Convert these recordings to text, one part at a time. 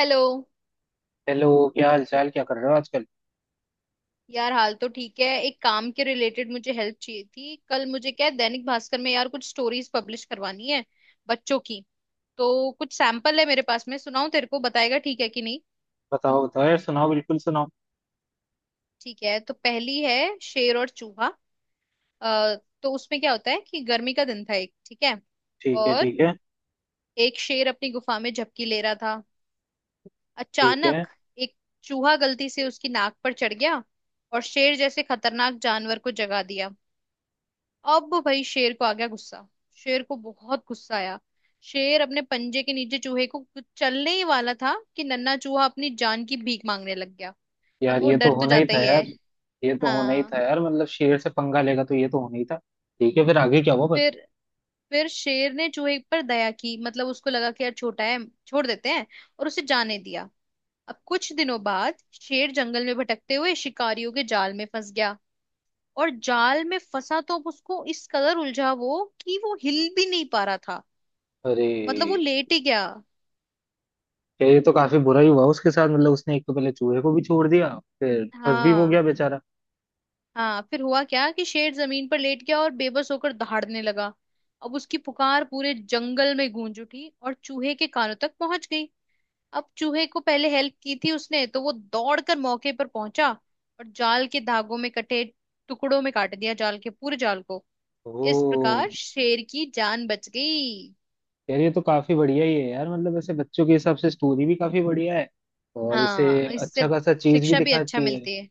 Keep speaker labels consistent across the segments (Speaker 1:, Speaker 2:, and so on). Speaker 1: Hello.
Speaker 2: Hello. क्या हाल चाल, क्या कर रहे हो आजकल?
Speaker 1: यार हाल तो ठीक है। एक काम के रिलेटेड मुझे हेल्प चाहिए थी। कल मुझे क्या है, दैनिक भास्कर में यार कुछ स्टोरीज पब्लिश करवानी है बच्चों की। तो कुछ सैंपल है मेरे पास में, सुनाऊं? तेरे को बताएगा ठीक है कि नहीं।
Speaker 2: बताओ बताओ यार, सुनाओ, बिल्कुल सुनाओ।
Speaker 1: ठीक है, तो पहली है शेर और चूहा। अ, तो उसमें क्या होता है कि गर्मी का दिन था एक, ठीक है।
Speaker 2: ठीक है,
Speaker 1: और
Speaker 2: ठीक है,
Speaker 1: एक शेर अपनी गुफा में झपकी ले रहा था।
Speaker 2: ठीक है।
Speaker 1: अचानक एक चूहा गलती से उसकी नाक पर चढ़ गया और शेर जैसे खतरनाक जानवर को जगा दिया। अब भाई शेर को आ गया गुस्सा। शेर को बहुत गुस्सा आया। शेर अपने पंजे के नीचे चूहे को कुछ चलने ही वाला था कि नन्हा चूहा अपनी जान की भीख मांगने लग गया। अब
Speaker 2: यार,
Speaker 1: वो
Speaker 2: ये तो
Speaker 1: डर तो
Speaker 2: होना ही
Speaker 1: जाता
Speaker 2: था
Speaker 1: ही है।
Speaker 2: यार। ये तो होना ही
Speaker 1: हाँ।
Speaker 2: था यार, मतलब शेर से पंगा लेगा तो ये तो होना ही था। ठीक है। फिर आगे क्या हुआ पर?
Speaker 1: फिर फिर शेर ने चूहे पर दया की, मतलब उसको लगा कि यार छोटा है, छोड़ देते हैं, और उसे जाने दिया। अब कुछ दिनों बाद शेर जंगल में भटकते हुए शिकारियों के जाल में फंस गया। और जाल में फंसा तो अब उसको इस कदर उलझा वो कि वो हिल भी नहीं पा रहा था,
Speaker 2: अरे
Speaker 1: मतलब वो लेट ही गया।
Speaker 2: यार, ये तो काफी बुरा ही हुआ उसके साथ, मतलब उसने एक तो पहले चूहे को भी छोड़ दिया, फिर फंस भी हो गया
Speaker 1: हाँ।
Speaker 2: बेचारा।
Speaker 1: हाँ, फिर हुआ क्या कि शेर जमीन पर लेट गया और बेबस होकर दहाड़ने लगा। अब उसकी पुकार पूरे जंगल में गूंज उठी और चूहे के कानों तक पहुंच गई। अब चूहे को पहले हेल्प की थी उसने तो वो दौड़कर मौके पर पहुंचा। और जाल के धागों में कटे टुकड़ों में काट दिया, जाल के पूरे जाल को। इस प्रकार
Speaker 2: ओ!
Speaker 1: शेर की जान बच गई।
Speaker 2: यार, ये तो काफी बढ़िया ही है यार, मतलब ऐसे बच्चों के हिसाब से स्टोरी भी काफी बढ़िया है। और इसे
Speaker 1: हाँ, इससे
Speaker 2: अच्छा खासा चीज भी
Speaker 1: शिक्षा भी अच्छा
Speaker 2: दिखाती है।
Speaker 1: मिलती है।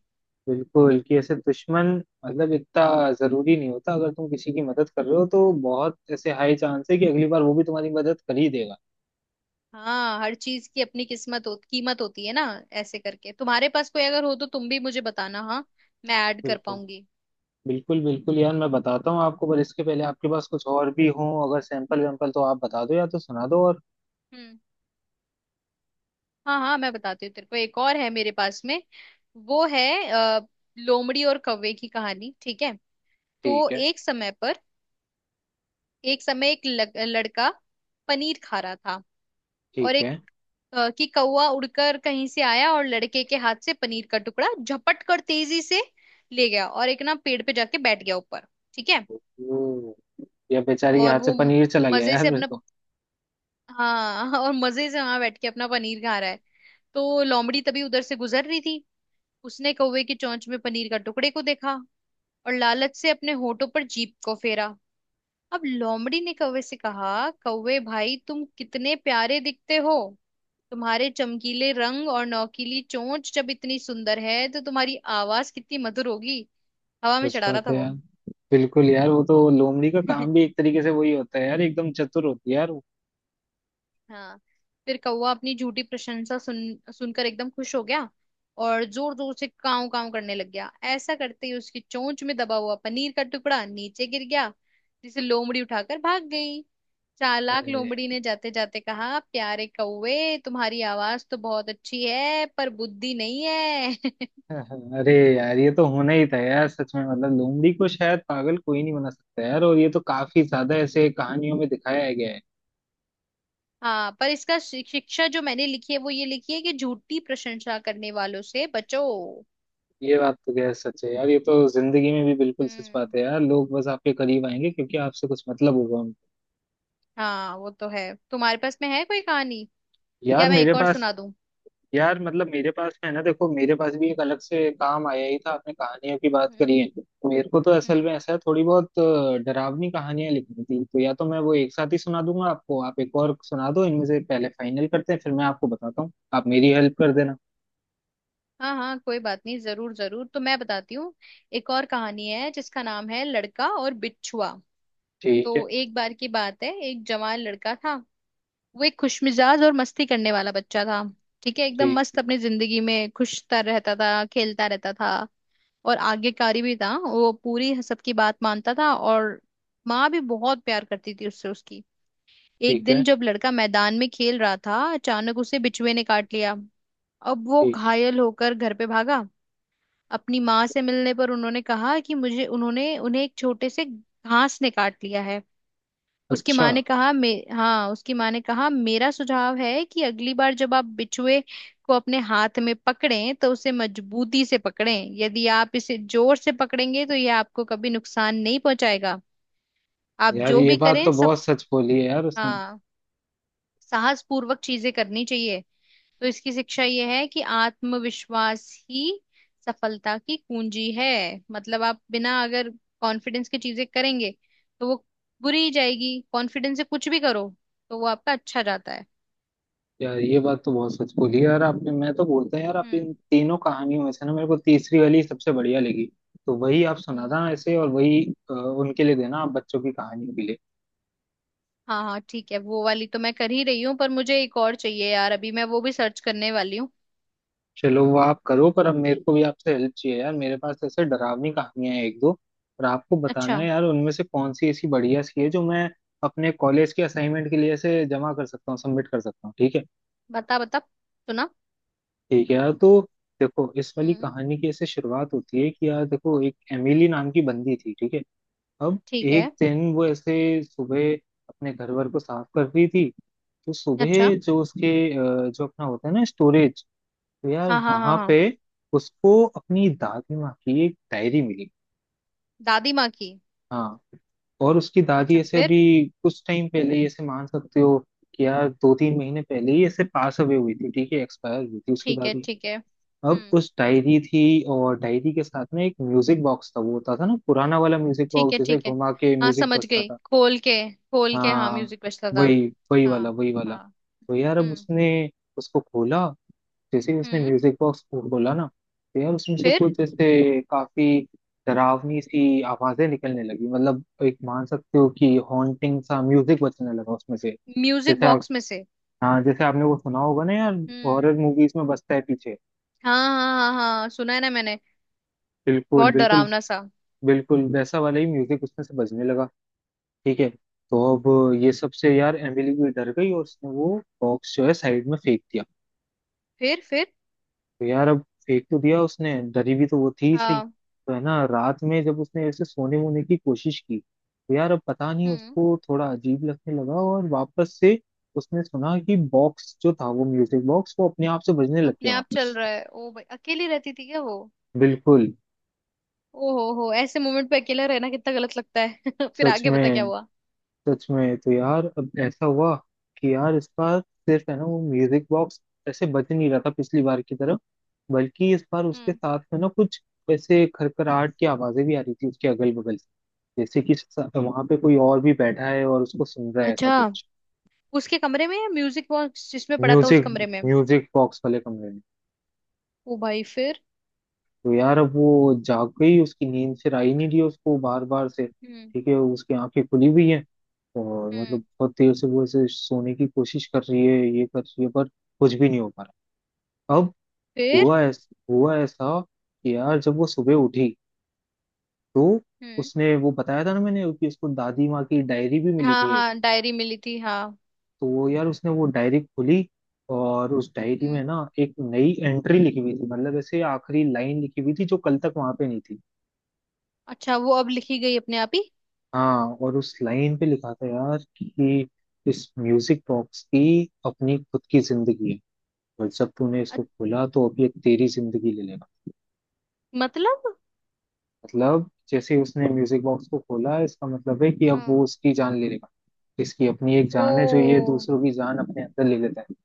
Speaker 2: बिल्कुल। कि ऐसे दुश्मन, मतलब, इतना जरूरी नहीं होता, अगर तुम किसी की मदद कर रहे हो तो बहुत ऐसे हाई चांस है कि अगली बार वो भी तुम्हारी मदद कर ही देगा।
Speaker 1: हाँ, हर चीज की अपनी किस्मत हो, कीमत होती है ना। ऐसे करके तुम्हारे पास कोई अगर हो तो तुम भी मुझे बताना, हाँ। मैं ऐड कर
Speaker 2: बिल्कुल,
Speaker 1: पाऊंगी।
Speaker 2: बिल्कुल, बिल्कुल यार, मैं बताता हूँ आपको, पर इसके पहले आपके पास कुछ और भी हो अगर सैंपल वैम्पल, तो आप बता दो या तो सुना दो और।
Speaker 1: हम्म। हाँ हाँ, मैं बताती हूँ तेरे को, एक और है मेरे पास में। वो है लोमड़ी और कौवे की कहानी, ठीक है। तो
Speaker 2: ठीक है,
Speaker 1: एक समय एक लड़का पनीर खा रहा था। और
Speaker 2: ठीक
Speaker 1: एक
Speaker 2: है।
Speaker 1: कि कौवा उड़कर कहीं से आया और लड़के के हाथ से पनीर का टुकड़ा झपट कर तेजी से ले गया और एक ना पेड़ पे जाके बैठ गया ऊपर। ठीक है।
Speaker 2: ओ, या बेचारी के
Speaker 1: और
Speaker 2: हाथ से
Speaker 1: वो
Speaker 2: पनीर चला गया
Speaker 1: मजे
Speaker 2: यार,
Speaker 1: से
Speaker 2: फिर
Speaker 1: अपना
Speaker 2: तो।
Speaker 1: हाँ, और मजे से वहां बैठ के अपना पनीर खा रहा है। तो लोमड़ी तभी उधर से गुजर रही थी। उसने कौवे की चोंच में पनीर का टुकड़े को देखा और लालच से अपने होठों पर जीभ को फेरा। अब लोमड़ी ने कौवे से कहा, कौवे भाई तुम कितने प्यारे दिखते हो। तुम्हारे चमकीले रंग और नौकीली चोंच जब इतनी सुंदर है तो तुम्हारी आवाज कितनी मधुर होगी। हवा में
Speaker 2: सच
Speaker 1: चढ़ा रहा
Speaker 2: बात
Speaker 1: था
Speaker 2: है
Speaker 1: वो।
Speaker 2: यार। बिल्कुल यार, वो तो लोमड़ी का काम भी एक तरीके से वही होता है यार, एकदम चतुर होती है यार वो।
Speaker 1: हाँ। फिर कौवा अपनी झूठी प्रशंसा सुनकर एकदम खुश हो गया। और जोर जोर से काव काव करने लग गया। ऐसा करते ही उसकी चोंच में दबा हुआ पनीर का टुकड़ा नीचे गिर गया जिसे लोमड़ी उठाकर भाग गई। चालाक
Speaker 2: अरे,
Speaker 1: लोमड़ी ने जाते जाते कहा, प्यारे कौवे तुम्हारी आवाज तो बहुत अच्छी है पर बुद्धि नहीं है।
Speaker 2: अरे यार, ये तो होना ही था यार, सच में, मतलब लोमड़ी को शायद पागल कोई नहीं बना सकता यार, और ये तो काफी ज्यादा ऐसे कहानियों में दिखाया गया है।
Speaker 1: हाँ, पर इसका शिक्षा जो मैंने लिखी है वो ये लिखी है कि झूठी प्रशंसा करने वालों से बचो।
Speaker 2: ये बात तो गैर सच है यार, ये तो जिंदगी में भी बिल्कुल सच
Speaker 1: हम्म।
Speaker 2: बात है यार। लोग बस आपके करीब आएंगे क्योंकि आपसे कुछ मतलब होगा उनको।
Speaker 1: हाँ वो तो है। तुम्हारे पास में है कोई कहानी
Speaker 2: यार
Speaker 1: या मैं
Speaker 2: मेरे
Speaker 1: एक और
Speaker 2: पास
Speaker 1: सुना दूं?
Speaker 2: यार, मतलब मेरे पास है ना, देखो, मेरे पास भी एक अलग से काम आया ही था। आपने कहानियों की बात
Speaker 1: हम्म।
Speaker 2: करी है। मेरे को तो असल
Speaker 1: हम्म।
Speaker 2: में ऐसा है, थोड़ी बहुत डरावनी कहानियां लिखनी थी, तो या तो मैं वो एक साथ ही सुना दूंगा आपको, आप एक और सुना दो। इनमें से पहले फाइनल करते हैं, फिर मैं आपको बताता हूँ, आप मेरी हेल्प कर देना।
Speaker 1: हाँ हाँ, कोई बात नहीं, जरूर जरूर, तो मैं बताती हूँ। एक और कहानी है जिसका नाम है लड़का और बिच्छुआ।
Speaker 2: ठीक है,
Speaker 1: तो एक बार की बात है, एक जवान लड़का था। वो एक खुशमिजाज और मस्ती करने वाला बच्चा था। ठीक है, एकदम मस्त
Speaker 2: ठीक,
Speaker 1: अपनी जिंदगी में खुशता रहता था, खेलता रहता था। और आज्ञाकारी भी था, वो पूरी सबकी बात मानता था। और माँ भी बहुत प्यार करती थी उससे, उसकी। एक
Speaker 2: ठीक
Speaker 1: दिन
Speaker 2: है,
Speaker 1: जब लड़का मैदान में खेल रहा था अचानक उसे बिच्छुए ने काट लिया। अब वो
Speaker 2: ठीक।
Speaker 1: घायल होकर घर पे भागा। अपनी माँ से मिलने पर उन्होंने कहा कि मुझे उन्होंने उन्हें एक छोटे से घास ने काट लिया है।
Speaker 2: अच्छा।
Speaker 1: उसकी माँ ने कहा, मेरा सुझाव है कि अगली बार जब आप बिच्छुए को अपने हाथ में पकड़ें तो उसे मजबूती से पकड़ें। यदि आप इसे जोर से पकड़ेंगे तो यह आपको कभी नुकसान नहीं पहुंचाएगा। आप
Speaker 2: यार,
Speaker 1: जो
Speaker 2: ये
Speaker 1: भी
Speaker 2: बात
Speaker 1: करें
Speaker 2: तो
Speaker 1: सब,
Speaker 2: बहुत सच बोली है यार उसने।
Speaker 1: हाँ, साहस पूर्वक चीजें करनी चाहिए। तो इसकी शिक्षा ये है कि आत्मविश्वास ही सफलता की कुंजी है। मतलब आप बिना अगर कॉन्फिडेंस की चीजें करेंगे तो वो बुरी ही जाएगी। कॉन्फिडेंस से कुछ भी करो तो वो आपका अच्छा जाता है।
Speaker 2: यार, ये बात तो बहुत सच बोली यार आपने। मैं तो बोलता है यार, आप
Speaker 1: हम्म।
Speaker 2: इन तीनों कहानियों में से ना मेरे को तीसरी वाली सबसे बढ़िया लगी। तो वही आप
Speaker 1: हम्म,
Speaker 2: सुनाना ऐसे, और वही उनके लिए देना आप बच्चों की कहानियों के लिए।
Speaker 1: हाँ हाँ, ठीक है। वो वाली तो मैं कर ही रही हूँ पर मुझे एक और चाहिए यार, अभी मैं वो भी सर्च करने वाली हूँ।
Speaker 2: चलो वो आप करो, पर अब मेरे को भी आपसे हेल्प चाहिए यार। मेरे पास तो ऐसे डरावनी कहानियां हैं एक दो, और आपको बताना
Speaker 1: अच्छा,
Speaker 2: है यार उनमें से कौन सी ऐसी बढ़िया सी है जो मैं अपने कॉलेज के असाइनमेंट के लिए ऐसे जमा कर सकता हूँ, सबमिट कर सकता हूँ, ठीक है?
Speaker 1: बता बता सुना।
Speaker 2: ठीक है यार, तो देखो, इस वाली
Speaker 1: हम्म।
Speaker 2: कहानी की ऐसे शुरुआत होती है कि यार देखो, एक एमिली नाम की बंदी थी, ठीक है। अब
Speaker 1: ठीक है।
Speaker 2: एक दिन वो ऐसे सुबह अपने घर वर को साफ कर रही थी। तो
Speaker 1: अच्छा।
Speaker 2: सुबह जो उसके जो अपना होता है ना स्टोरेज, तो यार
Speaker 1: हाँ हाँ हाँ
Speaker 2: वहां
Speaker 1: हाँ।
Speaker 2: पे उसको अपनी दादी माँ की एक डायरी मिली।
Speaker 1: दादी माँ की?
Speaker 2: हाँ, और उसकी दादी
Speaker 1: अच्छा,
Speaker 2: ऐसे
Speaker 1: फिर?
Speaker 2: अभी कुछ टाइम पहले ही, ऐसे मान सकते हो कि यार 2-3 महीने पहले ही ऐसे पास अवे हुई थी, ठीक है, एक्सपायर हुई थी उसकी
Speaker 1: ठीक है
Speaker 2: दादी।
Speaker 1: ठीक है।
Speaker 2: अब
Speaker 1: हम्म।
Speaker 2: उस डायरी थी, और डायरी के साथ में एक म्यूजिक बॉक्स था। वो होता था ना, पुराना वाला म्यूजिक
Speaker 1: ठीक
Speaker 2: बॉक्स,
Speaker 1: है
Speaker 2: जैसे
Speaker 1: ठीक है।
Speaker 2: घुमा के
Speaker 1: हाँ
Speaker 2: म्यूजिक
Speaker 1: समझ
Speaker 2: बजता
Speaker 1: गई,
Speaker 2: था।
Speaker 1: खोल के खोल के, हाँ
Speaker 2: हाँ।
Speaker 1: म्यूजिक बजता था।
Speaker 2: वही वही वाला,
Speaker 1: हाँ।
Speaker 2: वही वाला।
Speaker 1: हाँ।
Speaker 2: तो यार अब
Speaker 1: हम्म।
Speaker 2: उसने उसको खोला। जैसे ही उसने
Speaker 1: हम्म,
Speaker 2: म्यूजिक बॉक्स को खोला ना, तो यार उसमें से
Speaker 1: फिर?
Speaker 2: कुछ जैसे काफी डरावनी सी आवाजें निकलने लगी, मतलब एक मान सकते हो कि हॉन्टिंग सा म्यूजिक बजने लगा उसमें से।
Speaker 1: म्यूजिक
Speaker 2: जैसे आप
Speaker 1: बॉक्स में से?
Speaker 2: हाँ, जैसे आपने वो सुना होगा ना यार,
Speaker 1: हम्म।
Speaker 2: हॉरर मूवीज में बजता है पीछे।
Speaker 1: हाँ हाँ हाँ। हाँ, सुना है ना मैंने।
Speaker 2: बिल्कुल,
Speaker 1: बहुत
Speaker 2: बिल्कुल।
Speaker 1: डरावना सा।
Speaker 2: बिल्कुल वैसा वाला ही म्यूजिक उसमें से बजने लगा। ठीक है। तो अब ये सब से यार एमिली भी डर गई, और उसने वो बॉक्स जो है साइड में फेंक दिया।
Speaker 1: फिर? फिर?
Speaker 2: तो यार अब फेंक तो दिया उसने, डरी भी तो वो थी ही, सही
Speaker 1: हाँ।
Speaker 2: तो है ना। रात में जब उसने ऐसे सोने वोने की कोशिश की, तो यार अब पता नहीं
Speaker 1: हम्म।
Speaker 2: उसको थोड़ा अजीब लगने लगा, और वापस से उसने सुना कि बॉक्स जो था, वो म्यूजिक बॉक्स, वो अपने आप से बजने लग गया
Speaker 1: अपने आप चल
Speaker 2: वापस।
Speaker 1: रहा है? ओ भाई, अकेली रहती थी क्या वो?
Speaker 2: बिल्कुल।
Speaker 1: ओ हो, ऐसे मोमेंट पे अकेला रहना कितना गलत लगता है। फिर
Speaker 2: सच
Speaker 1: आगे बता क्या
Speaker 2: में,
Speaker 1: हुआ।
Speaker 2: सच में। तो यार अब ऐसा हुआ कि यार इस बार सिर्फ है ना वो म्यूजिक बॉक्स ऐसे बज नहीं रहा था पिछली बार की तरह, बल्कि इस बार उसके
Speaker 1: हम्म।
Speaker 2: साथ में ना कुछ ऐसे खरखराहट की आवाजें भी आ रही थी उसके अगल बगल से, जैसे कि वहां पे कोई और भी बैठा है और उसको सुन रहा है, ऐसा
Speaker 1: अच्छा,
Speaker 2: कुछ।
Speaker 1: उसके कमरे में या म्यूजिक बॉक्स जिसमें पड़ा था उस
Speaker 2: म्यूजिक
Speaker 1: कमरे में?
Speaker 2: म्यूजिक बॉक्स वाले कमरे में।
Speaker 1: ओ भाई फिर?
Speaker 2: तो यार अब वो जाग गई, उसकी नींद फिर आई नहीं, रही उसको बार बार से,
Speaker 1: हम्म।
Speaker 2: ठीक है, उसकी आंखें खुली हुई हैं, और मतलब
Speaker 1: हम्म,
Speaker 2: बहुत देर से वो ऐसे सोने की कोशिश कर रही है, ये कर रही है, पर कुछ भी नहीं हो पा रहा अब।
Speaker 1: फिर?
Speaker 2: हुआ ऐसा कि यार जब वो सुबह उठी, तो
Speaker 1: हम्म।
Speaker 2: उसने वो बताया था ना मैंने कि उसको दादी माँ की डायरी भी मिली
Speaker 1: हाँ
Speaker 2: थी एक।
Speaker 1: हाँ, डायरी मिली थी, हाँ।
Speaker 2: तो वो यार उसने वो डायरी खोली, और उस डायरी में
Speaker 1: हम्म।
Speaker 2: ना एक नई एंट्री लिखी हुई थी, मतलब ऐसे आखिरी लाइन लिखी हुई थी जो कल तक वहां पे नहीं थी।
Speaker 1: अच्छा, वो अब लिखी गई अपने आप ही?
Speaker 2: हाँ, और उस लाइन पे लिखा था यार कि इस म्यूजिक बॉक्स की अपनी खुद की जिंदगी है, और जब तूने
Speaker 1: अ-
Speaker 2: इसको खोला, तो अभी ये तेरी जिंदगी ले लेगा।
Speaker 1: मतलब।
Speaker 2: मतलब जैसे ही उसने म्यूजिक बॉक्स को खोला, इसका मतलब है कि अब वो
Speaker 1: हाँ।
Speaker 2: उसकी जान ले लेगा। इसकी अपनी एक
Speaker 1: ओ।
Speaker 2: जान है जो ये दूसरों की जान अपने अंदर ले लेता है।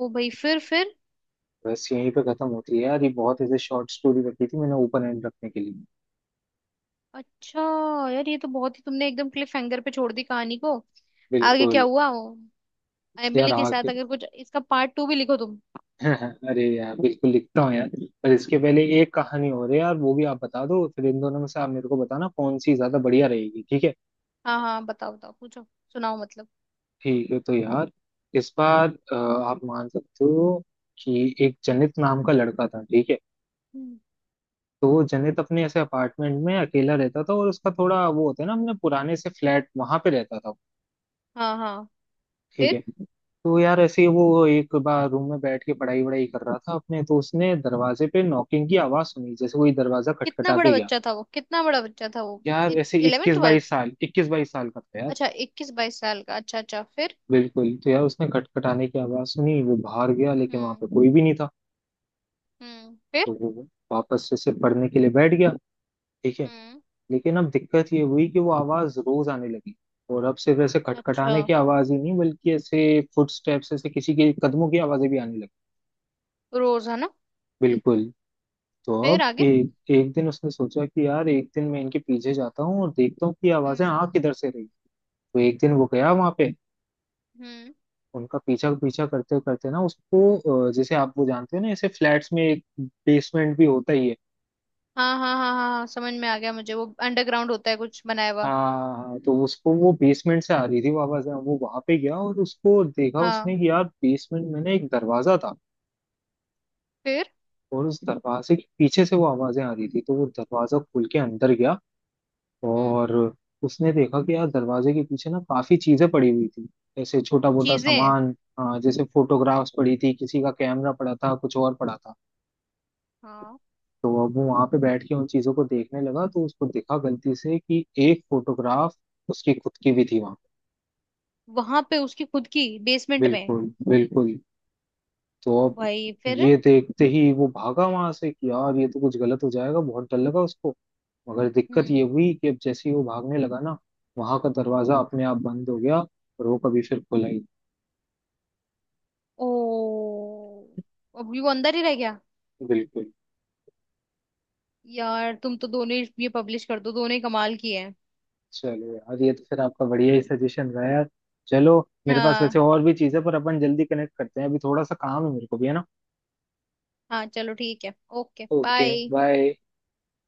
Speaker 1: ओ भाई, फिर?
Speaker 2: बस यहीं पे खत्म होती है यार ये, बहुत ऐसे शॉर्ट स्टोरी रखी थी मैंने ओपन एंड रखने के लिए।
Speaker 1: अच्छा यार, ये तो बहुत ही तुमने एकदम क्लिफ हैंगर पे छोड़ दी कहानी को। आगे क्या
Speaker 2: बिल्कुल।
Speaker 1: हुआ वो
Speaker 2: यार
Speaker 1: एमिली के साथ,
Speaker 2: आगे
Speaker 1: अगर कुछ इसका पार्ट 2 भी लिखो तुम।
Speaker 2: अरे यार, बिल्कुल लिखता हूँ यार। पर इसके पहले एक कहानी और है यार, वो भी आप बता दो, फिर इन दोनों में से आप मेरे को बताना कौन सी ज्यादा बढ़िया रहेगी, ठीक है?
Speaker 1: हाँ हाँ, बताओ बताओ, पूछो, सुनाओ मतलब।
Speaker 2: ठीक है, तो यार इस बार आप मान सकते हो कि एक जनित नाम का लड़का था, ठीक है।
Speaker 1: हम्म।
Speaker 2: तो वो जनित अपने ऐसे अपार्टमेंट में अकेला रहता था, और उसका थोड़ा वो होता है ना, अपने पुराने से फ्लैट वहां पे रहता था वो।
Speaker 1: हाँ हाँ,
Speaker 2: ठीक है।
Speaker 1: फिर?
Speaker 2: तो यार ऐसे ही वो एक बार रूम में बैठ के पढ़ाई वढ़ाई कर रहा था अपने, तो उसने दरवाजे पे नॉकिंग की आवाज सुनी, जैसे कोई दरवाजा
Speaker 1: कितना
Speaker 2: खटखटा
Speaker 1: बड़ा
Speaker 2: के गया।
Speaker 1: बच्चा था वो? कितना बड़ा बच्चा था वो?
Speaker 2: यार ऐसे
Speaker 1: इलेवन ट्वेल्व
Speaker 2: 21-22 साल का था यार।
Speaker 1: अच्छा, 21 22 साल का, अच्छा अच्छा, फिर?
Speaker 2: बिल्कुल। तो यार उसने खटखटाने की आवाज सुनी, वो बाहर गया, लेकिन वहां पे
Speaker 1: हम्म।
Speaker 2: कोई भी नहीं था।
Speaker 1: हम्म,
Speaker 2: तो
Speaker 1: फिर?
Speaker 2: वो वापस से सिर्फ पढ़ने के लिए बैठ गया, ठीक है।
Speaker 1: हम्म।
Speaker 2: लेकिन अब दिक्कत ये हुई कि वो आवाज रोज आने लगी, और अब सिर्फ ऐसे
Speaker 1: अच्छा,
Speaker 2: खटखटाने की आवाज ही नहीं, बल्कि ऐसे फुटस्टेप्स, ऐसे किसी के कदमों की आवाजें भी आने लगी।
Speaker 1: रोज है ना?
Speaker 2: बिल्कुल। तो
Speaker 1: फिर
Speaker 2: अब
Speaker 1: आगे?
Speaker 2: एक एक दिन उसने सोचा कि यार एक दिन मैं इनके पीछे जाता हूँ और देखता हूँ कि ये आवाजें
Speaker 1: हम्म।
Speaker 2: आ किधर से रही। तो एक दिन वो गया वहां पे,
Speaker 1: हम्म।
Speaker 2: उनका पीछा पीछा करते करते ना उसको जैसे आप वो जानते हो ना, ऐसे फ्लैट्स में एक बेसमेंट भी होता ही है।
Speaker 1: हाँ हाँ हाँ हाँ हाँ, समझ में आ गया मुझे, वो अंडरग्राउंड होता है कुछ बनाया हुआ।
Speaker 2: हाँ, तो उसको वो बेसमेंट से आ रही थी आवाज, है वो वहां पे गया और उसको देखा उसने
Speaker 1: हाँ,
Speaker 2: कि यार बेसमेंट में ना एक दरवाजा था,
Speaker 1: फिर?
Speaker 2: और उस दरवाजे के पीछे से वो आवाजें आ रही थी, तो वो दरवाजा खोल के अंदर गया।
Speaker 1: हम्म।
Speaker 2: और उसने देखा कि यार दरवाजे के पीछे ना काफी चीजें पड़ी हुई थी, जैसे छोटा मोटा
Speaker 1: चीजें।
Speaker 2: सामान, हाँ, जैसे फोटोग्राफ्स पड़ी थी, किसी का कैमरा पड़ा था, कुछ और पड़ा था।
Speaker 1: हाँ,
Speaker 2: तो अब वो वहां पे बैठ के उन चीजों को देखने लगा, तो उसको देखा गलती से कि एक फोटोग्राफ उसकी खुद की भी थी वहां।
Speaker 1: वहां पे उसकी खुद की बेसमेंट में?
Speaker 2: बिल्कुल, बिल्कुल। तो
Speaker 1: ओ
Speaker 2: अब
Speaker 1: भाई फिर?
Speaker 2: ये देखते ही वो भागा वहां से, कि यार ये तो कुछ गलत हो जाएगा, बहुत डर लगा उसको। मगर दिक्कत ये
Speaker 1: हम्म।
Speaker 2: हुई कि अब जैसे ही वो भागने लगा ना, वहां का दरवाजा अपने आप बंद हो गया, और वो कभी फिर खुला ही नहीं।
Speaker 1: ओ, अब ये वो अंदर ही रह गया?
Speaker 2: बिल्कुल।
Speaker 1: यार तुम तो दोनों ही ये पब्लिश कर दो, दोनों ही कमाल की है।
Speaker 2: चलो यार, ये तो फिर आपका बढ़िया ही सजेशन रहा यार। चलो, मेरे पास
Speaker 1: हाँ
Speaker 2: वैसे और भी चीजें, पर अपन जल्दी कनेक्ट करते हैं, अभी थोड़ा सा काम है मेरे को भी, है ना।
Speaker 1: हाँ चलो, ठीक है, ओके
Speaker 2: ओके
Speaker 1: बाय।
Speaker 2: बाय।